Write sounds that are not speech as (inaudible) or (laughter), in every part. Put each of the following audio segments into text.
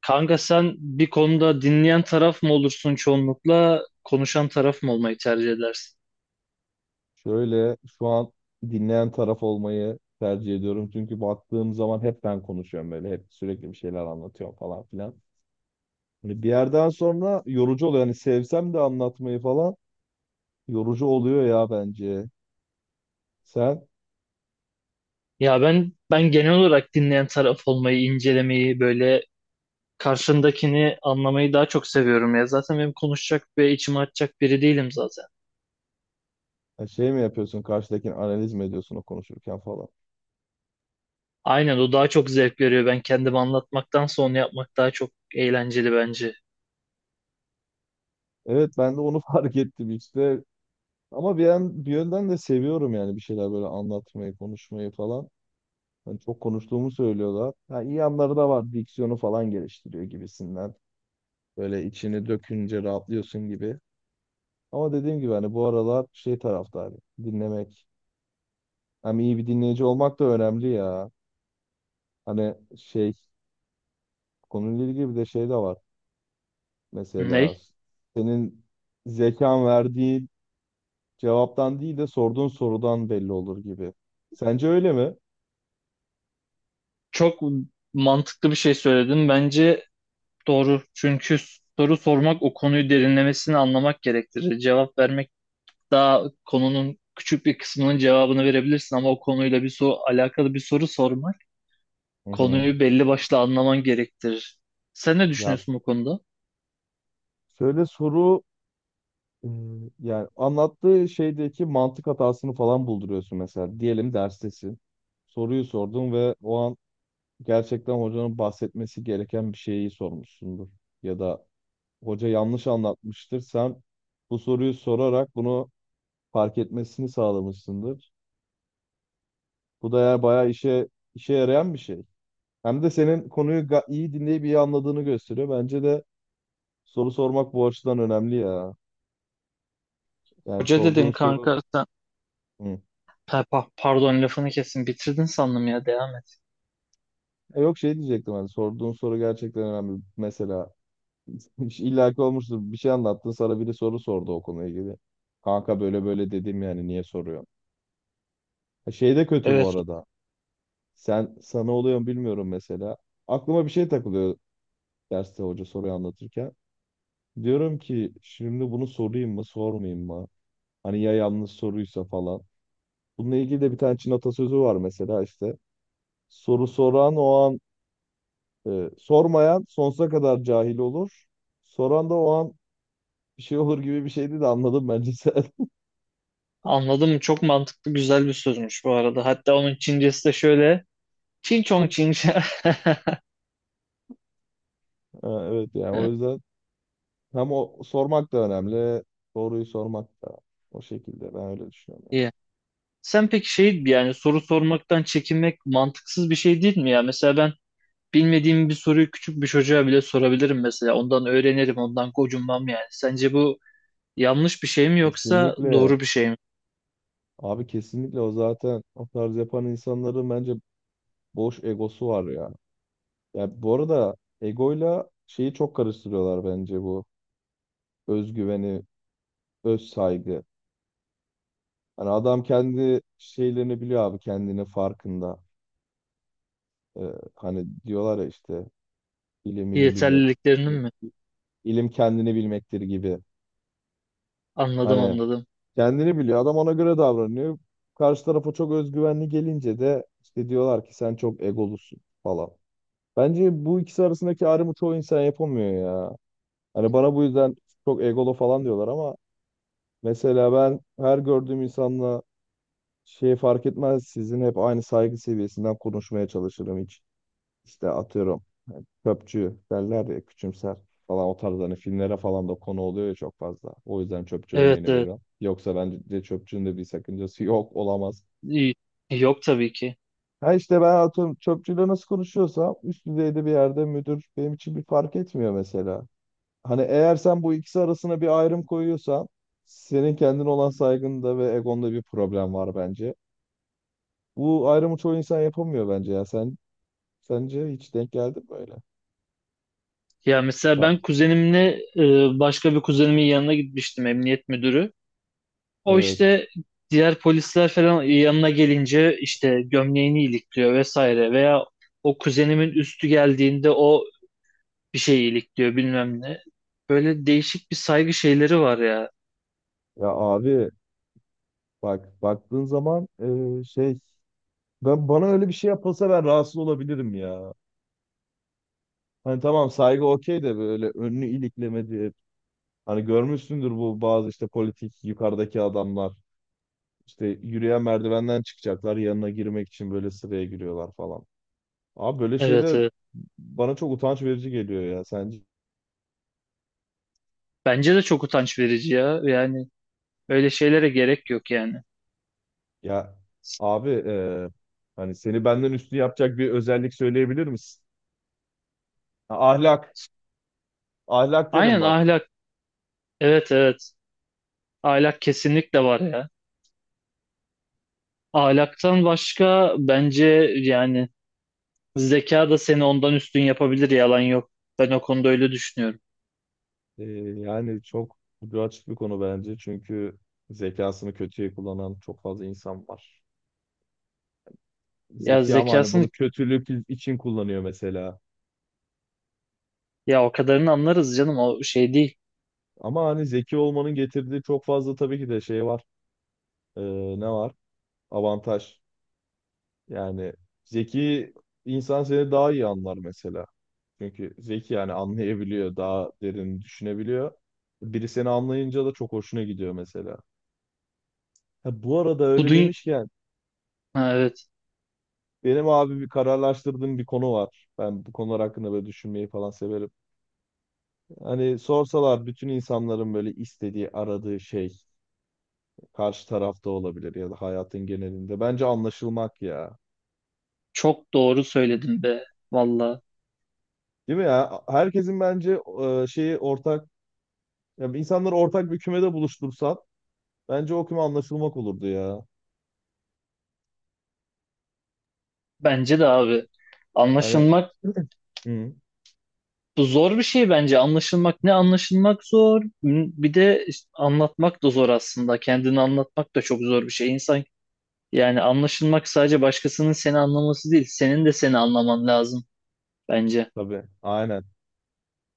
Kanka sen bir konuda dinleyen taraf mı olursun çoğunlukla, konuşan taraf mı olmayı tercih edersin? Şöyle şu an dinleyen taraf olmayı tercih ediyorum. Çünkü baktığım zaman hep ben konuşuyorum böyle. Hep sürekli bir şeyler anlatıyorum falan filan. Hani bir yerden sonra yorucu oluyor. Hani sevsem de anlatmayı falan yorucu oluyor ya bence. Sen Ya ben genel olarak dinleyen taraf olmayı, incelemeyi, böyle karşındakini anlamayı daha çok seviyorum ya. Zaten benim konuşacak ve içime açacak biri değilim zaten. ha, şey mi yapıyorsun, karşıdakini analiz mi ediyorsun o konuşurken falan. Aynen, o daha çok zevk veriyor. Ben kendimi anlatmaktan sonra yapmak daha çok eğlenceli bence. Evet, ben de onu (laughs) fark ettim işte. Ama bir yönden de seviyorum, yani bir şeyler böyle anlatmayı, konuşmayı falan. Hani çok konuştuğumu söylüyorlar. Ha, iyi yanları da var. Diksiyonu falan geliştiriyor gibisinden. Böyle içini dökünce rahatlıyorsun gibi. Ama dediğim gibi hani bu aralar şey taraftarı dinlemek. Hem iyi bir dinleyici olmak da önemli ya. Hani şey konuyla ilgili bir de şey de var. Mesela Ney? senin zekan verdiği cevaptan değil de sorduğun sorudan belli olur gibi. Sence öyle mi? Çok mantıklı bir şey söyledin. Bence doğru. Çünkü soru sormak o konuyu derinlemesine anlamak gerektirir. Cevap vermek daha konunun küçük bir kısmının cevabını verebilirsin ama o konuyla bir soru, alakalı bir soru sormak Hı hı. konuyu belli başlı anlaman gerektirir. Sen ne Ya düşünüyorsun bu konuda? şöyle soru e, yani anlattığı şeydeki mantık hatasını falan bulduruyorsun mesela. Diyelim derstesin. Soruyu sordun ve o an gerçekten hocanın bahsetmesi gereken bir şeyi sormuşsundur. Ya da hoca yanlış anlatmıştır. Sen bu soruyu sorarak bunu fark etmesini sağlamışsındır. Bu da eğer bayağı işe yarayan bir şey. Hem de senin konuyu iyi dinleyip iyi anladığını gösteriyor. Bence de soru sormak bu açıdan önemli ya. Yani Hoca sorduğun dedin soru kanka sen Hı. Pardon, lafını kesin bitirdin sandım ya, devam et. E yok, şey diyecektim, hani sorduğun soru gerçekten önemli. Mesela (laughs) illaki olmuştur, bir şey anlattın, sana biri soru sordu o konuyla ilgili. Kanka böyle böyle dedim, yani niye soruyorsun? Ha, şey de kötü bu Evet, arada. Sana oluyor mu bilmiyorum mesela. Aklıma bir şey takılıyor derste hoca soruyu anlatırken. Diyorum ki şimdi bunu sorayım mı sormayayım mı? Hani ya yanlış soruysa falan. Bununla ilgili de bir tane Çin atasözü var mesela işte. Soru soran o an sormayan sonsuza kadar cahil olur. Soran da o an bir şey olur gibi bir şeydi de, anladım bence sen. (laughs) anladım, çok mantıklı güzel bir sözmüş bu arada. Hatta onun Çincesi de şöyle: Çin çong çin. (laughs) Ha, evet, yani o Evet. yüzden hem o sormak da önemli. Doğruyu sormak da, o şekilde ben öyle düşünüyorum. İyi. Sen peki şey, yani soru sormaktan çekinmek mantıksız bir şey değil mi ya? Mesela ben bilmediğim bir soruyu küçük bir çocuğa bile sorabilirim mesela. Ondan öğrenirim, ondan gocunmam yani. Sence bu yanlış bir şey Yani. mi yoksa Kesinlikle. doğru bir şey mi? Abi kesinlikle, o zaten o tarz yapan insanların bence boş egosu var ya. Ya bu arada egoyla şeyi çok karıştırıyorlar bence, bu özgüveni, öz saygı. Hani adam kendi şeylerini biliyor abi, kendini farkında. Ee, hani diyorlar ya işte ilim ilim bilmek, Yeterliliklerinin mi? ilim kendini bilmektir gibi. Anladım, Hani anladım. kendini biliyor adam, ona göre davranıyor. Karşı tarafa çok özgüvenli gelince de işte diyorlar ki sen çok egolusun falan. Bence bu ikisi arasındaki ayrımı çoğu insan yapamıyor ya. Hani bana bu yüzden çok egolu falan diyorlar ama mesela ben her gördüğüm insanla şey fark etmez, sizin hep aynı saygı seviyesinden konuşmaya çalışırım hiç. İşte atıyorum çöpçü derler ya, küçümser falan, o tarz hani filmlere falan da konu oluyor ya çok fazla. O yüzden çöpçü Evet, örneğini evet. veriyorum. Yoksa bence de çöpçünün de bir sakıncası yok, olamaz. İyi. Yok tabii ki. Ha işte ben atıyorum çöpçüyle nasıl konuşuyorsam üst düzeyde bir yerde müdür benim için bir fark etmiyor mesela. Hani eğer sen bu ikisi arasına bir ayrım koyuyorsan senin kendine olan saygında ve egonda bir problem var bence. Bu ayrımı çoğu insan yapamıyor bence ya. Sen sence hiç denk geldi mi böyle? Ya mesela Ha, ben kuzenimle, başka bir kuzenimin yanına gitmiştim, emniyet müdürü. O evet. işte, diğer polisler falan yanına gelince işte gömleğini ilikliyor vesaire, veya o kuzenimin üstü geldiğinde o bir şey iyilikliyor bilmem ne. Böyle değişik bir saygı şeyleri var ya. Ya abi bak baktığın zaman şey ben bana öyle bir şey yapılsa ben rahatsız olabilirim ya. Hani tamam saygı okey de, böyle önünü iliklemedi. Hani görmüşsündür bu bazı işte politik yukarıdaki adamlar. İşte yürüyen merdivenden çıkacaklar, yanına girmek için böyle sıraya giriyorlar falan. Abi böyle Evet, şeyler evet. bana çok utanç verici geliyor ya. Sen Bence de çok utanç verici ya. Yani öyle şeylere gerek yok yani. ya abi, hani seni benden üstü yapacak bir özellik söyleyebilir misin? Ha, ahlak. Ahlak derim Aynen, bak. ahlak. Evet, evet. Ahlak kesinlikle var ya. Ahlaktan başka bence, yani zeka da seni ondan üstün yapabilir, yalan yok. Ben o konuda öyle düşünüyorum. E, yani çok ucu açık bir konu bence. Çünkü zekasını kötüye kullanan çok fazla insan var. Ya Zeki ama hani zekasını, bunu kötülük için kullanıyor mesela. ya o kadarını anlarız canım, o şey değil. Ama hani zeki olmanın getirdiği çok fazla tabii ki de şey var. E, ne var? Avantaj. Yani zeki insan seni daha iyi anlar mesela. Çünkü zeki yani anlayabiliyor, daha derin düşünebiliyor. Biri seni anlayınca da çok hoşuna gidiyor mesela. Ha, bu arada Bu öyle dünya, demişken evet, benim abi bir kararlaştırdığım bir konu var. Ben bu konular hakkında böyle düşünmeyi falan severim. Hani sorsalar bütün insanların böyle istediği, aradığı şey karşı tarafta olabilir ya da hayatın genelinde. Bence anlaşılmak ya. çok doğru söyledin be, valla. Değil mi ya? Herkesin bence şeyi ortak, ya insanları ortak bir kümede buluştursan bence o küme anlaşılmak olurdu ya. Bence de abi, Hani anlaşılmak. (clears throat) (laughs) Hı. Bu zor bir şey bence. Anlaşılmak, ne anlaşılmak zor. Bir de işte anlatmak da zor aslında. Kendini anlatmak da çok zor bir şey. İnsan, yani anlaşılmak sadece başkasının seni anlaması değil. Senin de seni anlaman lazım bence. Tabii, aynen.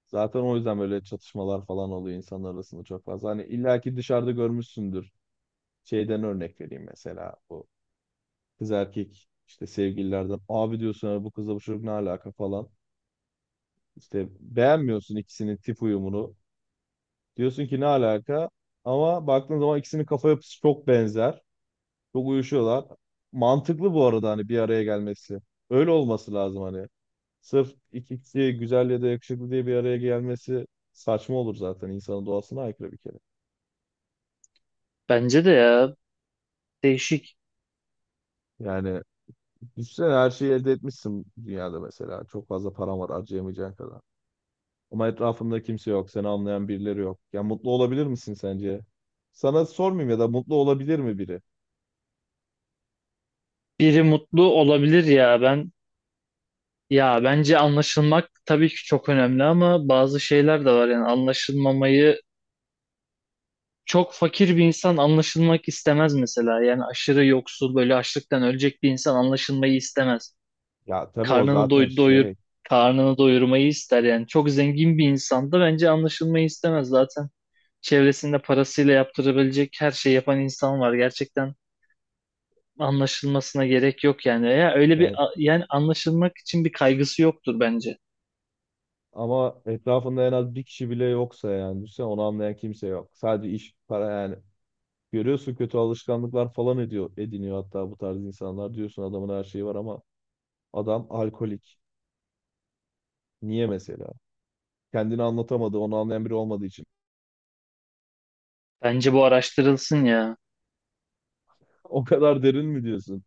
Zaten o yüzden böyle çatışmalar falan oluyor insanlar arasında çok fazla. Hani illaki dışarıda görmüşsündür. Şeyden örnek vereyim mesela, bu kız erkek işte sevgililerden, abi diyorsun "Ya bu kızla bu çocuk ne alaka falan. İşte beğenmiyorsun ikisinin tip uyumunu. Diyorsun ki ne alaka? Ama baktığın zaman ikisinin kafa yapısı çok benzer. Çok uyuşuyorlar. Mantıklı bu arada hani bir araya gelmesi. Öyle olması lazım hani. Sırf iki kişi güzel ya da yakışıklı diye bir araya gelmesi saçma olur zaten. İnsanın doğasına aykırı bir kere. Bence de ya, değişik. Yani düşünsene her şeyi elde etmişsin dünyada mesela. Çok fazla paran var harcayamayacağın kadar. Ama etrafında kimse yok. Seni anlayan birileri yok. Ya mutlu olabilir misin sence? Sana sormayayım, ya da mutlu olabilir mi biri? Biri mutlu olabilir ya, ben, ya bence anlaşılmak tabii ki çok önemli ama bazı şeyler de var yani anlaşılmamayı, çok fakir bir insan anlaşılmak istemez mesela. Yani aşırı yoksul, böyle açlıktan ölecek bir insan anlaşılmayı istemez. Ya tabii o karnını zaten doy doyur şey. karnını doyurmayı ister yani. Çok zengin bir insan da bence anlaşılmayı istemez zaten. Çevresinde parasıyla yaptırabilecek her şeyi yapan insan var. Gerçekten anlaşılmasına gerek yok yani. Ya öyle bir, Ben... yani anlaşılmak için bir kaygısı yoktur bence. Ama etrafında en az bir kişi bile yoksa yani. Düşünsene onu anlayan kimse yok. Sadece iş, para yani. Görüyorsun kötü alışkanlıklar falan ediniyor hatta bu tarz insanlar. Diyorsun adamın her şeyi var ama adam alkolik. Niye mesela? Kendini anlatamadı, onu anlayan biri olmadığı için. (laughs) Bence bu araştırılsın ya. O kadar derin mi diyorsun?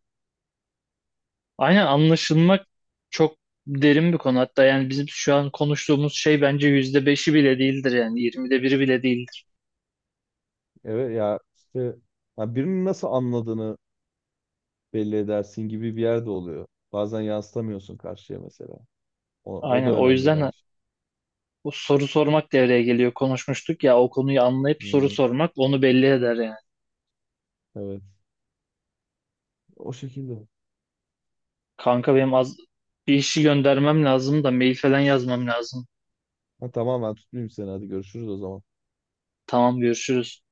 Aynen, anlaşılmak çok derin bir konu. Hatta yani bizim şu an konuştuğumuz şey bence %5'i bile değildir yani. 1/20'si bile değildir. Evet ya işte, ya birinin nasıl anladığını belli edersin gibi bir yerde oluyor. Bazen yansıtamıyorsun karşıya mesela. O da Aynen, o önemli yüzden bence. bu soru sormak devreye geliyor. Konuşmuştuk ya, o konuyu anlayıp Hı, soru hı, sormak onu belli eder yani. evet. O şekilde. Kanka benim az bir işi göndermem lazım da, mail falan yazmam lazım. Ha, tamam ben tutmayayım seni. Hadi görüşürüz o zaman. Tamam, görüşürüz.